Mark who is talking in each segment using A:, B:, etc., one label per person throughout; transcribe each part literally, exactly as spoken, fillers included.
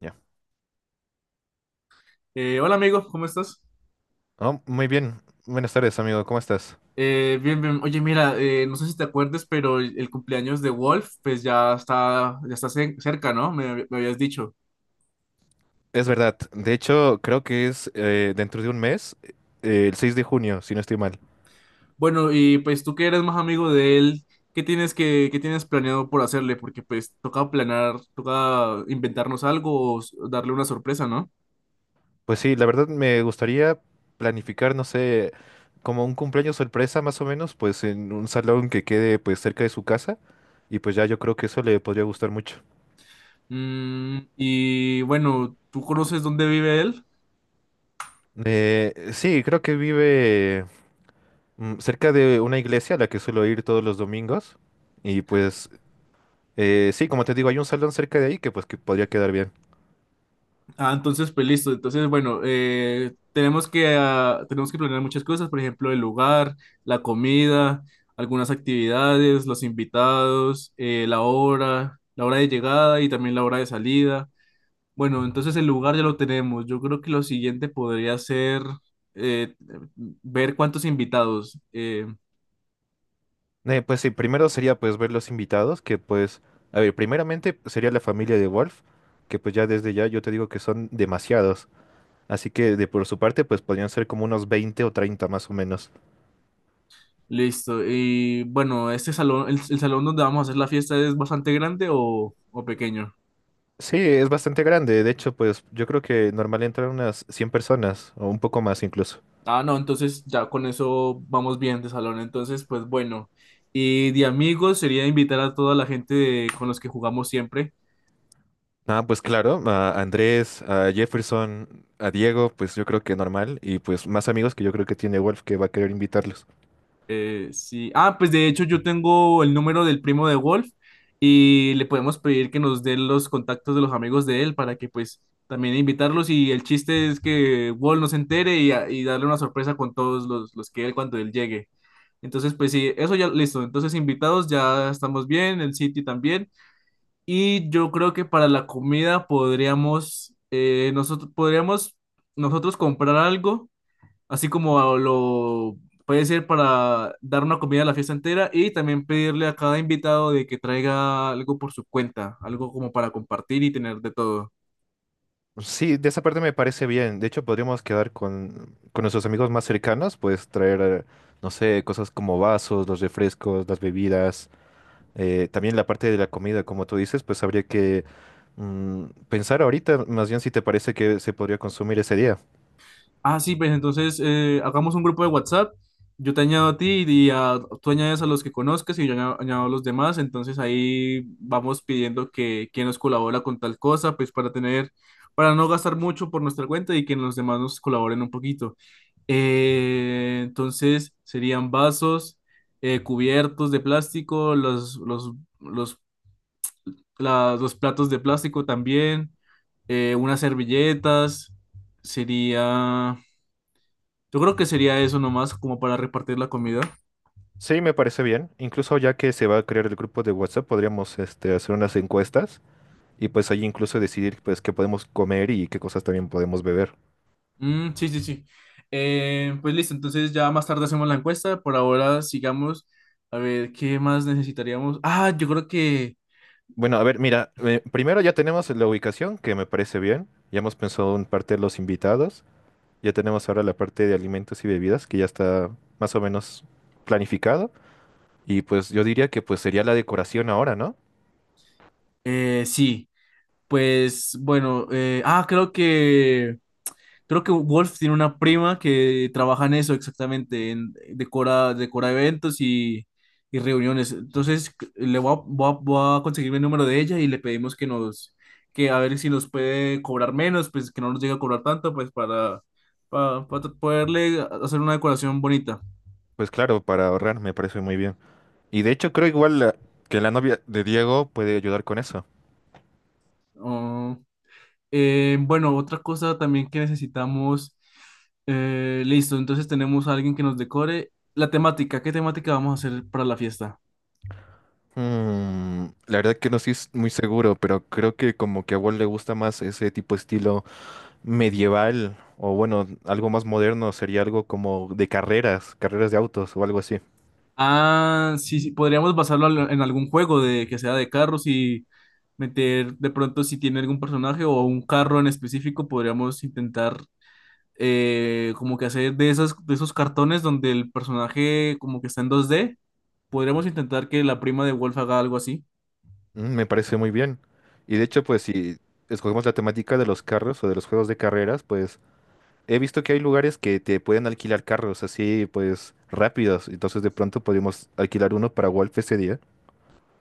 A: Ya.
B: Eh, hola, amigo, ¿cómo estás?
A: Oh, muy bien. Buenas tardes, amigo. ¿Cómo estás?
B: Eh, bien, bien. Oye, mira, eh, no sé si te acuerdes, pero el, el cumpleaños de Wolf, pues ya está, ya está ce- cerca, ¿no? Me, hab- me habías dicho.
A: Es verdad. De hecho, creo que es eh, dentro de un mes, eh, el seis de junio, si no estoy mal.
B: Bueno, y pues tú que eres más amigo de él, ¿qué tienes que, ¿qué tienes planeado por hacerle? Porque pues toca planear, toca inventarnos algo o s- darle una sorpresa, ¿no?
A: Pues sí, la verdad me gustaría planificar, no sé, como un cumpleaños sorpresa más o menos, pues en un salón que quede pues cerca de su casa. Y pues ya yo creo que eso le podría gustar mucho.
B: Mm, y bueno, ¿tú conoces dónde vive él?
A: Eh, sí, creo que vive mm, cerca de una iglesia a la que suelo ir todos los domingos. Y pues eh, sí, como te digo, hay un salón cerca de ahí que pues que podría quedar bien.
B: Ah, entonces, pues listo. Entonces, bueno, eh, tenemos que, ah, tenemos que planear muchas cosas, por ejemplo, el lugar, la comida, algunas actividades, los invitados, eh, la hora, la hora de llegada y también la hora de salida. Bueno, entonces el lugar ya lo tenemos. Yo creo que lo siguiente podría ser eh, ver cuántos invitados. Eh,
A: Eh, pues sí, primero sería pues ver los invitados, que pues, a ver, primeramente sería la familia de Wolf, que pues ya desde ya yo te digo que son demasiados, así que de por su parte pues podrían ser como unos veinte o treinta más o menos.
B: listo. Y bueno, este salón, el, el salón donde vamos a hacer la fiesta, ¿es bastante grande o, o pequeño?
A: Sí, es bastante grande, de hecho pues yo creo que normal entran unas cien personas o un poco más incluso.
B: Ah, no, entonces ya con eso vamos bien de salón. Entonces, pues bueno. Y de amigos sería invitar a toda la gente de- con los que jugamos siempre.
A: Ah, pues claro, a Andrés, a Jefferson, a Diego, pues yo creo que normal y pues más amigos que yo creo que tiene Wolf que va a querer invitarlos.
B: Eh, sí. Ah, pues de hecho yo tengo el número del primo de Wolf y le podemos pedir que nos dé los contactos de los amigos de él para que pues también invitarlos, y el chiste es que Wolf no se entere y, a- y darle una sorpresa con todos los, los que él cuando él llegue. Entonces, pues sí, eso ya listo. Entonces, invitados, ya estamos bien, el sitio también. Y yo creo que para la comida podríamos, eh, nosotros, podríamos nosotros comprar algo, así como lo puede ser para dar una comida a la fiesta entera, y también pedirle a cada invitado de que traiga algo por su cuenta, algo como para compartir y tener de todo.
A: Sí, de esa parte me parece bien. De hecho, podríamos quedar con, con nuestros amigos más cercanos, pues traer, eh, no sé, cosas como vasos, los refrescos, las bebidas, eh, también la parte de la comida, como tú dices, pues habría que mm, pensar ahorita, más bien si te parece que se podría consumir ese día.
B: Ah, sí, pues entonces eh, hagamos un grupo de WhatsApp. Yo te añado a ti y a- tú añades a los que conozcas y yo añado, añado a los demás. Entonces ahí vamos pidiendo que quien nos colabora con tal cosa, pues para tener, para no gastar mucho por nuestra cuenta y que los demás nos colaboren un poquito. Eh, entonces serían vasos, eh, cubiertos de plástico, los, los, los, la- los platos de plástico también, eh, unas servilletas, sería... Yo creo que sería eso nomás, como para repartir la comida.
A: Sí, me parece bien. Incluso ya que se va a crear el grupo de WhatsApp, podríamos este, hacer unas encuestas y pues ahí incluso decidir pues qué podemos comer y qué cosas también podemos beber.
B: Mm, sí, sí, sí. Eh, pues listo, entonces ya más tarde hacemos la encuesta. Por ahora sigamos a ver qué más necesitaríamos. Ah, yo creo que
A: Bueno, a ver, mira, eh, primero ya tenemos la ubicación, que me parece bien. Ya hemos pensado en parte de los invitados. Ya tenemos ahora la parte de alimentos y bebidas, que ya está más o menos planificado. Y pues yo diría que pues sería la decoración ahora, ¿no?
B: eh, sí. Pues bueno, eh, ah, creo que... Creo que Wolf tiene una prima que trabaja en eso exactamente, en, decora, decora eventos y, y reuniones. Entonces, c- le voy a, voy a- voy a conseguirme el número de ella y le pedimos que nos, que a ver si nos puede cobrar menos, pues que no nos llegue a cobrar tanto, pues para, para, para poderle hacer una decoración bonita.
A: Pues claro, para ahorrar me parece muy bien. Y de hecho creo igual la- que la novia de Diego puede ayudar con eso.
B: Oh, eh, bueno, otra cosa también que necesitamos, eh, listo, entonces tenemos a alguien que nos decore. La temática, ¿qué temática vamos a hacer para la fiesta?
A: Mm, la verdad que no estoy s- muy seguro, pero creo que como que a Walt le gusta más ese tipo de estilo medieval o bueno, algo más moderno sería algo como de carreras, carreras de autos o algo así.
B: Ah, sí, sí, podríamos basarlo al- en algún juego de que sea de carros, y meter de pronto si tiene algún personaje o un carro en específico, podríamos intentar eh, como que hacer de esas, de esos cartones donde el personaje como que está en dos d, podríamos intentar que la prima de Wolf haga algo así.
A: Mm, me parece muy bien. Y de hecho, pues si escogemos la temática de los carros o de los juegos de carreras, pues he visto que hay lugares que te pueden alquilar carros así, pues rápidos. Entonces de pronto podemos alquilar uno para Wolf ese día.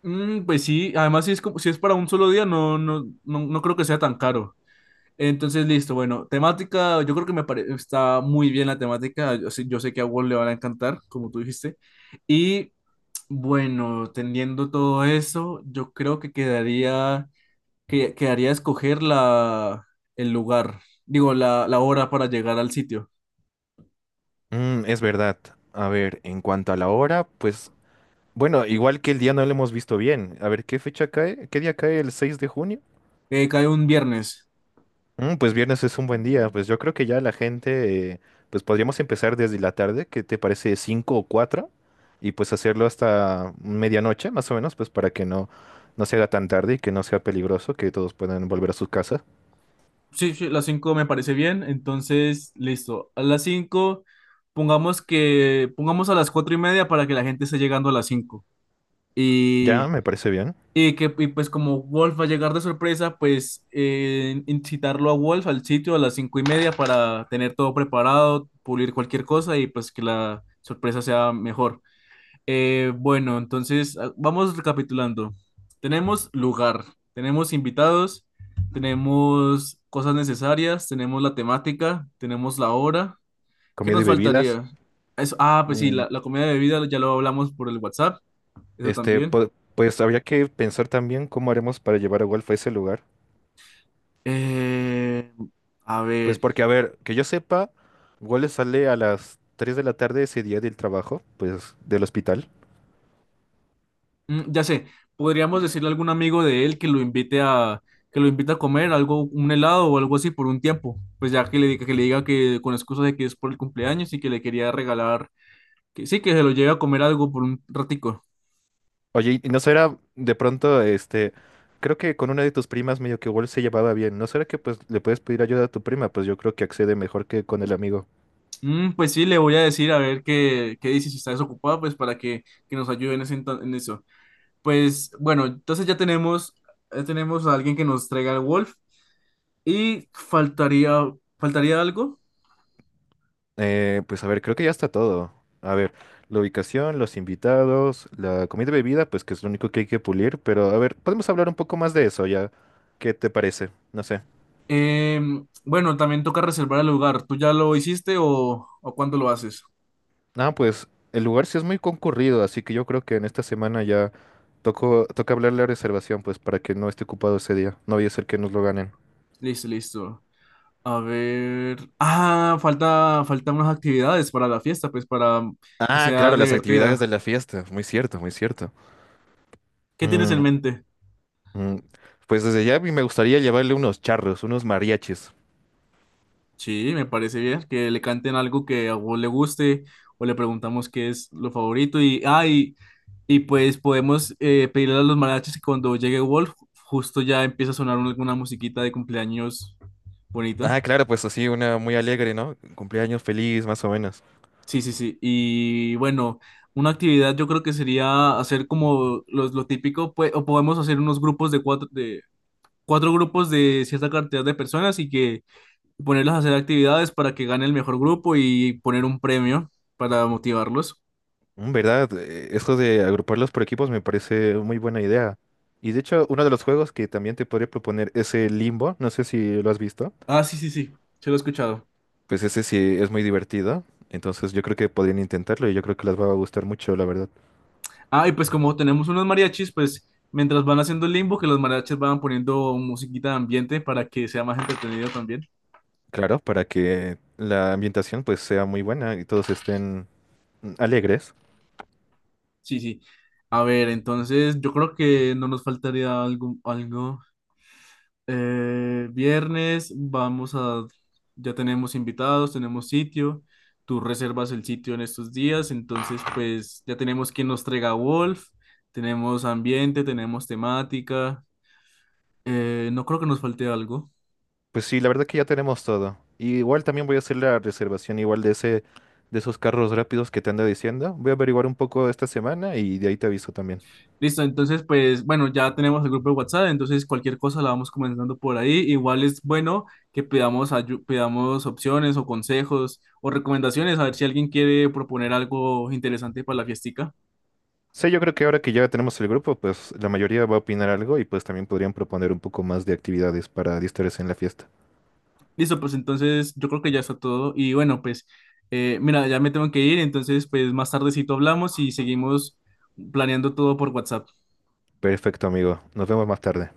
B: Mm, pues sí, además si es como, si es para un solo día, no, no, no, no creo que sea tan caro. Entonces, listo, bueno, temática, yo creo que me pare- está muy bien la temática, yo sé, yo sé que a Wall le van a encantar, como tú dijiste, y bueno, teniendo todo eso, yo creo que quedaría, que, quedaría escoger la, el lugar, digo, la, la hora para llegar al sitio.
A: Mm, es verdad. A ver, en cuanto a la hora, pues bueno, igual que el día no lo hemos visto bien. A ver, ¿qué fecha cae? ¿Qué día cae el seis de junio?
B: Eh, cae un viernes,
A: Mm, pues viernes es un buen día. Pues yo creo que ya la gente, eh, pues podríamos empezar desde la tarde, ¿qué te parece? Cinco o cuatro, y pues hacerlo hasta medianoche, más o menos, pues para que no, no se haga tan tarde y que no sea peligroso, que todos puedan volver a sus casas.
B: sí, sí, las cinco me parece bien, entonces, listo, a las cinco pongamos que, pongamos a las cuatro y media para que la gente esté llegando a las cinco.
A: Ya,
B: Y...
A: me parece bien.
B: Y que, y pues como Wolf va a llegar de sorpresa, pues eh, incitarlo a Wolf al sitio a las cinco y media para tener todo preparado, pulir cualquier cosa y pues que la sorpresa sea mejor. Eh, bueno, entonces ah, vamos recapitulando. Tenemos lugar, tenemos invitados, tenemos cosas necesarias, tenemos la temática, tenemos la hora. ¿Qué
A: Comida y
B: nos
A: bebidas.
B: faltaría? Eso- ah, pues sí,
A: Mm,
B: la, la comida de bebida ya lo hablamos por el WhatsApp, eso
A: este,
B: también.
A: po- pues habría que pensar también cómo haremos para llevar a Wolf a ese lugar.
B: Eh.
A: Pues porque, a ver, que yo sepa, Wolf sale a las tres de la tarde ese día del trabajo, pues del hospital.
B: Mm, ya sé, podríamos decirle a algún amigo de él que lo invite a que lo invite a comer algo, un helado o algo así por un tiempo. Pues ya que le diga que le diga que con excusa de que es por el cumpleaños y que le quería regalar, que sí, que se lo lleve a comer algo por un ratico.
A: Oye, ¿y no será de pronto, este, creo que con una de tus primas medio que igual se llevaba bien, ¿no será que pues le puedes pedir ayuda a tu prima? Pues yo creo que accede mejor que con el amigo.
B: Mm, pues sí, le voy a decir a ver qué, qué dice, si está desocupada, pues para que, que nos ayude en, ese ento- en eso. Pues bueno, entonces ya tenemos, ya tenemos a alguien que nos traiga el Wolf, y faltaría, faltaría algo.
A: Eh, pues a ver, creo que ya está todo. A ver, la ubicación, los invitados, la comida y bebida, pues que es lo único que hay que pulir, pero a ver, podemos hablar un poco más de eso ya. ¿Qué te parece? No sé.
B: Em, bueno, también toca reservar el lugar. ¿Tú ya lo hiciste o, o cuándo lo haces?
A: Ah, pues el lugar sí es muy concurrido, así que yo creo que en esta semana ya toco, toca hablar la reservación, pues para que no esté ocupado ese día. No vaya a ser que nos lo ganen.
B: Listo, listo. A ver. Ah, falta, faltan unas actividades para la fiesta, pues para que
A: Ah,
B: sea
A: claro, las actividades
B: divertida.
A: de la fiesta. Muy cierto, muy cierto.
B: ¿Qué tienes en
A: Mm,
B: mente?
A: mm. Pues desde ya a mí me gustaría llevarle unos charros, unos mariachis.
B: Sí, me parece bien que le canten algo que a vos le guste, o le preguntamos qué es lo favorito. Y, ah, y, y pues podemos eh, pedirle a los mariachis que cuando llegue Wolf, justo ya empieza a sonar una, alguna musiquita de cumpleaños bonita.
A: Ah, claro, pues así, una muy alegre, ¿no? Cumpleaños feliz, más o menos.
B: Sí, sí, sí. Y bueno, una actividad yo creo que sería hacer como los- lo típico, pues, o podemos hacer unos grupos de cuatro, de cuatro grupos de cierta cantidad de personas, y que ponerlos a hacer actividades para que gane el mejor grupo y poner un premio para motivarlos.
A: Mm, ¿verdad? Eh, Esto de agruparlos por equipos me parece muy buena idea. Y de hecho, uno de los juegos que también te podría proponer es el Limbo. No sé si lo has visto.
B: Ah, sí, sí, sí, se lo he escuchado.
A: Pues ese sí es muy divertido. Entonces yo creo que podrían intentarlo y yo creo que les va a gustar mucho, la verdad.
B: Ah, y pues como tenemos unos mariachis, pues mientras van haciendo el limbo, que los mariachis van poniendo musiquita de ambiente para que sea más entretenido también.
A: Claro, para que la ambientación pues sea muy buena y todos estén mm, alegres.
B: Sí, sí. A ver, entonces yo creo que no nos faltaría algo, algo. Eh, viernes vamos a, ya tenemos invitados, tenemos sitio. Tú reservas el sitio en estos días, entonces pues ya tenemos quien nos traiga Wolf, tenemos ambiente, tenemos temática. Eh, no creo que nos falte algo.
A: Pues sí, la verdad que ya tenemos todo. Y igual también voy a hacer la reservación igual de ese, de esos carros rápidos que te ando diciendo. Voy a averiguar un poco esta semana y de ahí te aviso también.
B: Listo, entonces pues bueno, ya tenemos el grupo de WhatsApp, entonces cualquier cosa la vamos comenzando por ahí. Igual es bueno que pidamos, ayu- pidamos opciones o consejos o recomendaciones, a ver si alguien quiere proponer algo interesante para la fiestica.
A: Sí, yo creo que ahora que ya tenemos el grupo, pues la mayoría va a opinar algo y pues también podrían proponer un poco más de actividades para distraerse en la fiesta.
B: Listo, pues entonces yo creo que ya está todo y bueno, pues eh, mira, ya me tengo que ir, entonces pues más tardecito hablamos y seguimos planeando todo por WhatsApp.
A: Perfecto, amigo. Nos vemos más tarde.